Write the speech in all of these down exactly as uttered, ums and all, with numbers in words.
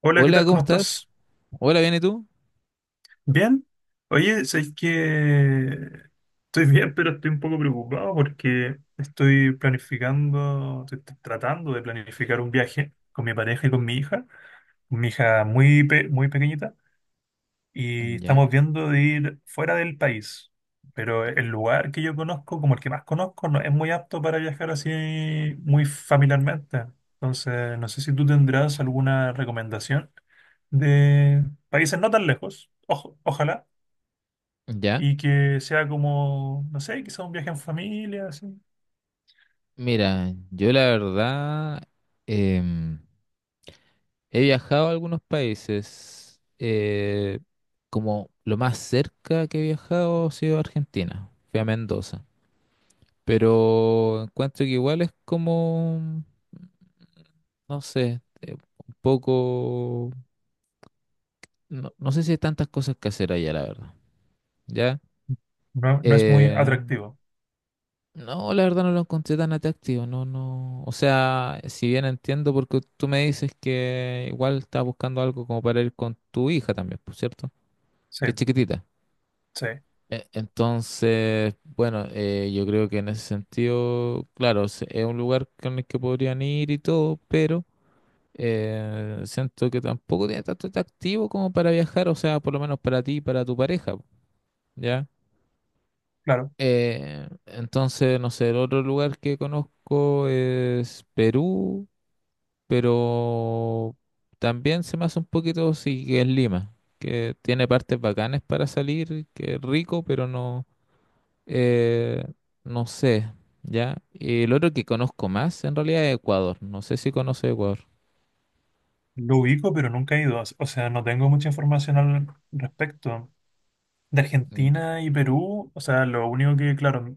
Hola, ¿qué Hola, tal? ¿cómo ¿Cómo estás? estás? Hola, ¿bien y tú? ¿Bien? Oye, sabéis que estoy bien, pero estoy un poco preocupado porque estoy planificando, estoy t- tratando de planificar un viaje con mi pareja y con mi hija, mi hija muy, pe- muy pequeñita. Y Ya, estamos viendo de ir fuera del país. Pero el lugar que yo conozco, como el que más conozco, no es muy apto para viajar así muy familiarmente. Entonces, no sé si tú tendrás alguna recomendación de países no tan lejos, ojo- ojalá, ya. y que sea como, no sé, quizá un viaje en familia, así. Mira, yo la verdad em, he viajado a algunos países. Eh, como lo más cerca que he viajado ha sido Argentina. Fui a Mendoza. Pero encuentro que igual es como, no sé, eh, un poco... No, no sé si hay tantas cosas que hacer allá, la verdad. ¿Ya? No, no es muy Eh, atractivo. No, la verdad no lo encontré tan atractivo, no, no. O sea, si bien entiendo porque tú me dices que igual estás buscando algo como para ir con tu hija también, por cierto, Sí, que es chiquitita. sí, E- Entonces, bueno, eh, yo creo que en ese sentido, claro, se- es un lugar con el que podrían ir y todo, pero eh, siento que tampoco tiene tanto atractivo como para viajar, o sea, por lo menos para ti y para tu pareja, ¿ya? claro. Eh, entonces, no sé, el otro lugar que conozco es Perú, pero también se me hace un poquito, sí, que es Lima, que tiene partes bacanas para salir, que es rico, pero no, eh, no sé, ¿ya? Y el otro que conozco más, en realidad, es Ecuador. No sé si conoce Ecuador. Lo ubico, pero nunca he ido. O sea, no tengo mucha información al respecto. De Mm. Argentina y Perú, o sea, lo único que, claro,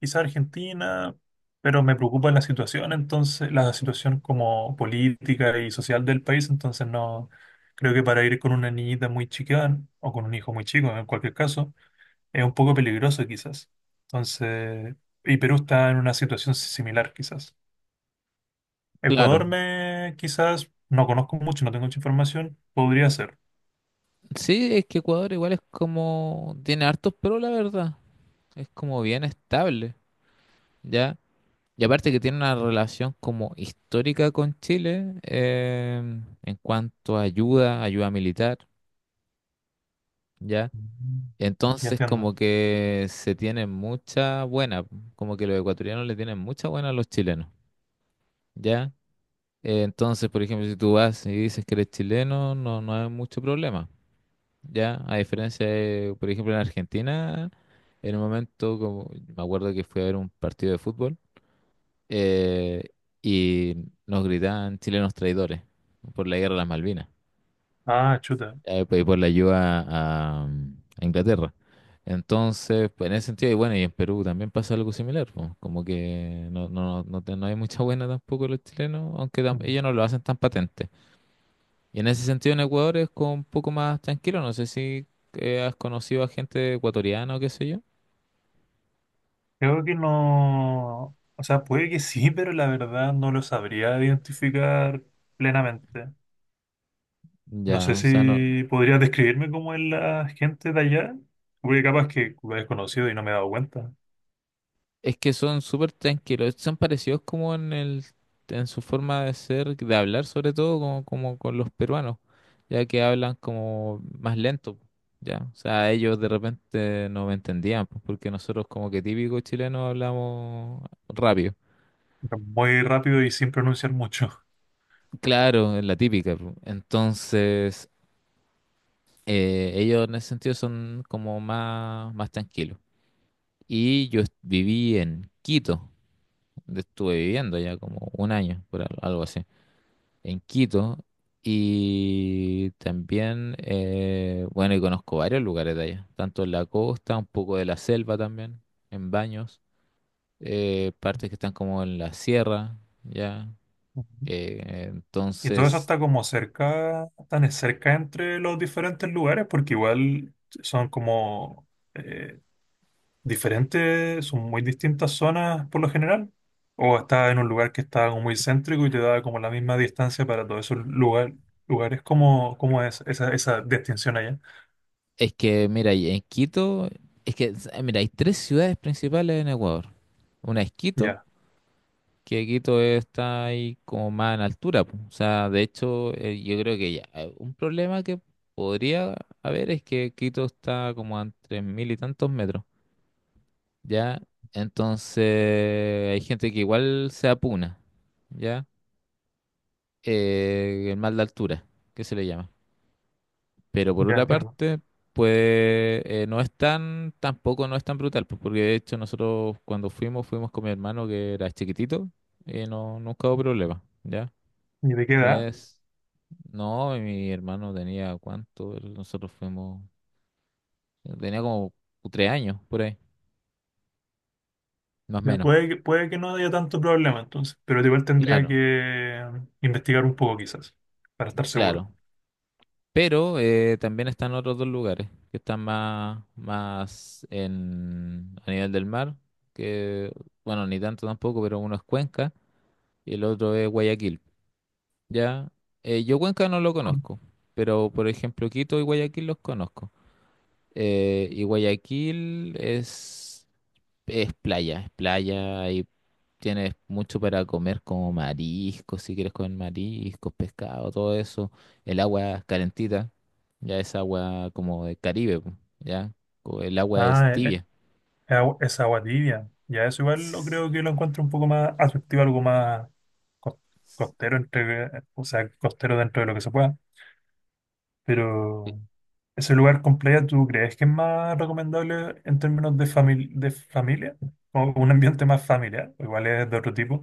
quizá Argentina, pero me preocupa la situación, entonces, la situación como política y social del país, entonces no, creo que para ir con una niñita muy chica o con un hijo muy chico, en cualquier caso, es un poco peligroso quizás. Entonces, y Perú está en una situación si, similar quizás. Claro, Ecuador me, quizás, no conozco mucho, no tengo mucha información, podría ser. sí, es que Ecuador igual es como, tiene hartos pero la verdad, es como bien estable, ¿ya? Y aparte que tiene una relación como histórica con Chile, eh, en cuanto a ayuda, ayuda militar, ¿ya? Mm. Ya Entonces entiendo. como que se tienen mucha buena, como que los ecuatorianos le tienen mucha buena a los chilenos, ¿ya? Eh, entonces, por ejemplo, si tú vas y dices que eres chileno, no, no hay mucho problema, ¿ya? A diferencia de, por ejemplo, en Argentina, en un momento, como, me acuerdo que fui a ver un partido de fútbol. eh, y nos gritaban chilenos traidores por la guerra de las Malvinas, Ah, chuta. eh, pues, y por la ayuda a, a Inglaterra. Entonces, pues, en ese sentido, y bueno, y en Perú también pasa algo similar, pues, como que no, no, no, no te- no hay mucha buena tampoco los chilenos, aunque tam- Mm. ellos no lo hacen tan patente. Y en ese sentido en Ecuador es como un poco más tranquilo, no sé si eh, has conocido a gente ecuatoriana o qué sé yo. Creo que no, o sea, puede que sí, pero la verdad no lo sabría identificar plenamente. No sé Ya, o sea, no. si podrías describirme cómo es la gente de allá, porque capaz que lo he desconocido y no me he dado cuenta. Es que son súper tranquilos, son parecidos como en el, en su forma de ser, de hablar sobre todo, como, como con los peruanos, ya que hablan como más lento, ya. O sea, ellos de repente no me entendían, pues, porque nosotros como que típico chileno hablamos rápido. Muy rápido y sin pronunciar mucho. Claro, es la típica, pues. Entonces, eh, ellos en ese sentido son como más, más tranquilos. Y yo est- viví en Quito, donde estuve viviendo ya como un año, por al- algo así. En Quito. Y también, eh, bueno, y conozco varios lugares de allá, tanto en la costa, un poco de la selva también, en Baños, eh, partes que están como en la sierra, ya. Ujú. Eh, Y todo eso entonces, está como cerca, tan cerca entre los diferentes lugares, porque igual son como eh, diferentes, son muy distintas zonas por lo general, o estás en un lugar que está como muy céntrico y te da como la misma distancia para todos esos lugar- lugares, ¿cómo, ¿cómo es esa, esa distinción allá? es que, mira, y en Quito, es que, eh, mira, hay tres ciudades principales en Ecuador. Una es Quito, Ya, que Quito está ahí como más en altura, po. O sea, de hecho, eh, yo creo que ya, eh, un problema que podría haber es que Quito está como a tres mil y tantos metros, ¿ya? Entonces, hay gente que igual se apuna, ¿ya? Eh, el mal de altura, que se le llama. Pero por ya otra entiendo. parte, pues eh, no es tan, tampoco no es tan brutal, pues, porque de hecho nosotros cuando fuimos, fuimos con mi hermano que era chiquitito, y no, nunca hubo problema, ¿ya? ¿Y de qué No edad? es. No, mi hermano tenía cuánto, Él- nosotros fuimos, tenía como tres años por ahí, más o Ya menos. puede, que- puede que no haya tanto problema entonces, pero igual tendría Claro, que investigar un poco quizás, para estar seguro. claro. Pero eh, también están otros dos lugares que están más, más en, a nivel del mar, que bueno, ni tanto tampoco, pero uno es Cuenca y el otro es Guayaquil. Ya. Eh, yo Cuenca no lo conozco, pero por ejemplo Quito y Guayaquil los conozco. Eh, y Guayaquil es Es playa, es playa y tienes mucho para comer como mariscos, si quieres comer mariscos, pescado, todo eso. El agua es calentita, ya es agua como de Caribe, po, ya. co- El agua es Ah, es tibia. agua, es agua tibia. Ya eso igual lo S- creo que lo encuentro un poco más atractivo, algo más cos- costero entre, o sea, costero dentro de lo que se pueda. eh, Pero ese lugar con playa, ¿tú crees que es más recomendable en términos de famil- de familia? O un ambiente más familiar, o igual es de otro tipo.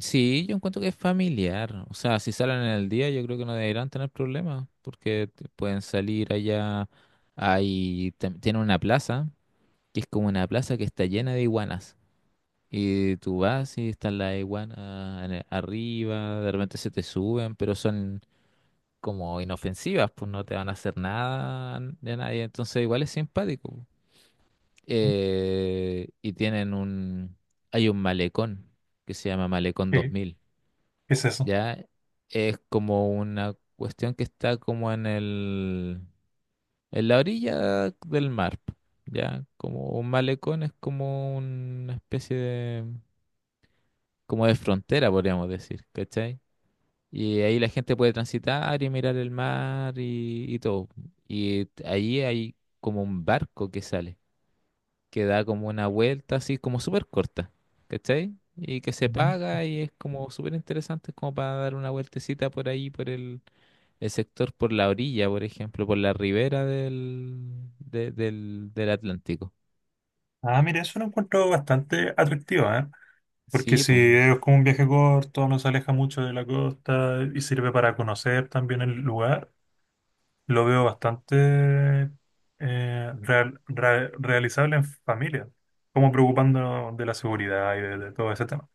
Sí, yo encuentro que es familiar. O sea, si salen en el día, yo creo que no deberán tener problemas, porque te- pueden salir allá. Hay, tam- tienen una plaza, que es como una plaza que está llena de iguanas. Y tú vas y están las iguanas en el- arriba, de repente se te suben, pero son como inofensivas, pues no te van a hacer nada de nadie, entonces igual es simpático. Eh, y tienen un, hay un malecón que se llama Malecón ¿Qué, dos mil, qué es eso? ¿ya? Es como una cuestión que está como en el, en la orilla del mar, ¿ya? Como un malecón es como una especie de como de frontera, podríamos decir, ¿cachai? Y ahí la gente puede transitar y mirar el mar y, y todo. Y t- ahí hay como un barco que sale, que da como una vuelta así como súper corta, ¿cachai? Y que se Ujú. paga y es como súper interesante, es como para dar una vueltecita por ahí, por el, el sector, por la orilla, por ejemplo, por la ribera del, de- del, del Atlántico. Ah, mira, eso lo encuentro bastante atractivo, ¿eh? Porque Sí, si pues, es como un viaje corto, no se aleja mucho de la costa y sirve para conocer también el lugar. Lo veo bastante eh, real- ra- realizable en familia, como preocupándonos de la seguridad y de, de todo ese tema.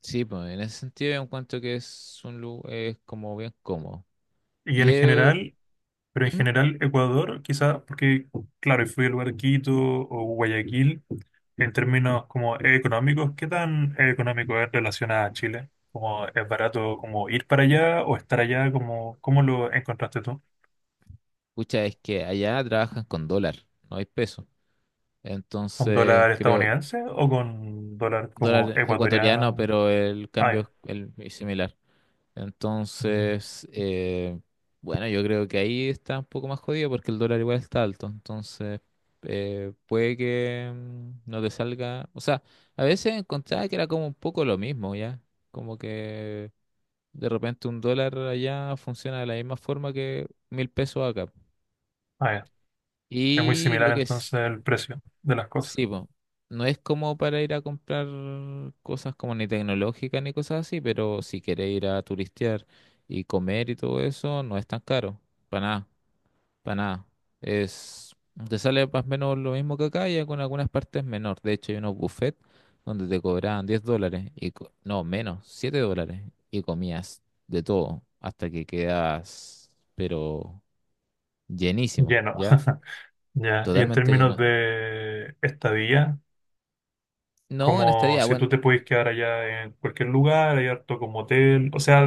sí, pues, en ese sentido yo encuentro que es un lugar, es como bien cómodo. Y Y en eh, general, pero en mm, general Ecuador, quizás, porque claro, y fui al lugar Quito o Guayaquil, en términos como económicos, ¿qué tan económico es relación a Chile? Como es barato como ir para allá o estar allá? Como cómo lo encontraste tú? pucha, es que allá trabajan con dólar, no hay peso. ¿Con Entonces, dólar creo, estadounidense o con dólar como dólar ecuatoriano, ecuatoriano? pero el Ah, cambio ya. es el- es similar. Mm. Entonces, eh, bueno, yo creo que ahí está un poco más jodido porque el dólar igual está alto. Entonces, eh, puede que mm, no te salga. O sea, a veces encontraba que era como un poco lo mismo, ¿ya? Como que de repente un dólar allá funciona de la misma forma que mil pesos acá. Ah, ya. Es muy Y similar lo que entonces es, el precio de las cosas. sí, po, no es como para ir a comprar cosas como ni tecnológicas ni cosas así, pero si quieres ir a turistear y comer y todo eso, no es tan caro, para nada, para nada. Es, te sale más o menos lo mismo que acá y con algunas partes menor. De hecho, hay unos buffets donde te cobraban diez dólares, y, co- no, menos, siete dólares, y comías de todo hasta que quedas, pero llenísimo, Lleno. ¿ya? Ya. Y en Totalmente términos lleno. de estadía, No, en como estadía, si bueno, tú te puedes quedar allá en cualquier lugar, hay harto como hotel, o sea,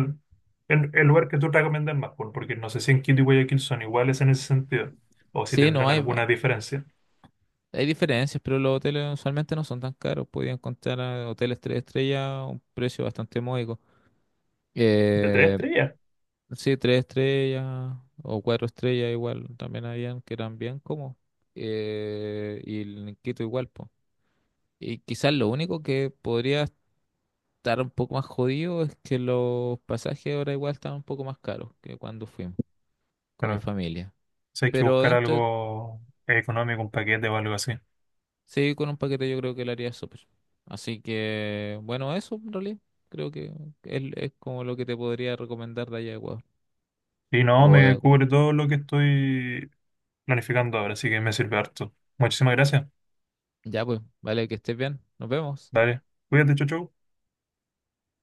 el, el lugar que tú recomiendas más, por- porque no sé si en Quito y Guayaquil son iguales en ese sentido, o si sí, no tendrán hay, alguna diferencia. hay diferencias, pero los hoteles usualmente no son tan caros. Podía encontrar a hoteles tres estrellas a un precio bastante módico. De tres Eh, estrellas. sí, tres estrellas o cuatro estrellas igual, también habían que eran bien cómodos. Eh, y el Quito igual, pues. Y quizás lo único que podría estar un poco más jodido es que los pasajes ahora igual están un poco más caros que cuando fuimos con mi Pero familia. si hay que Pero buscar dentro de, algo económico, un paquete o algo así. sí, con un paquete yo creo que le haría súper. Así que, bueno, eso en realidad creo que es, es como lo que te podría recomendar de allá de Ecuador. Y no, O de me Ecuador. cubre todo lo que estoy planificando ahora, así que me sirve harto. Muchísimas gracias. Ya pues, vale, que estés bien. Nos vemos. Dale, cuídate, chau, chau.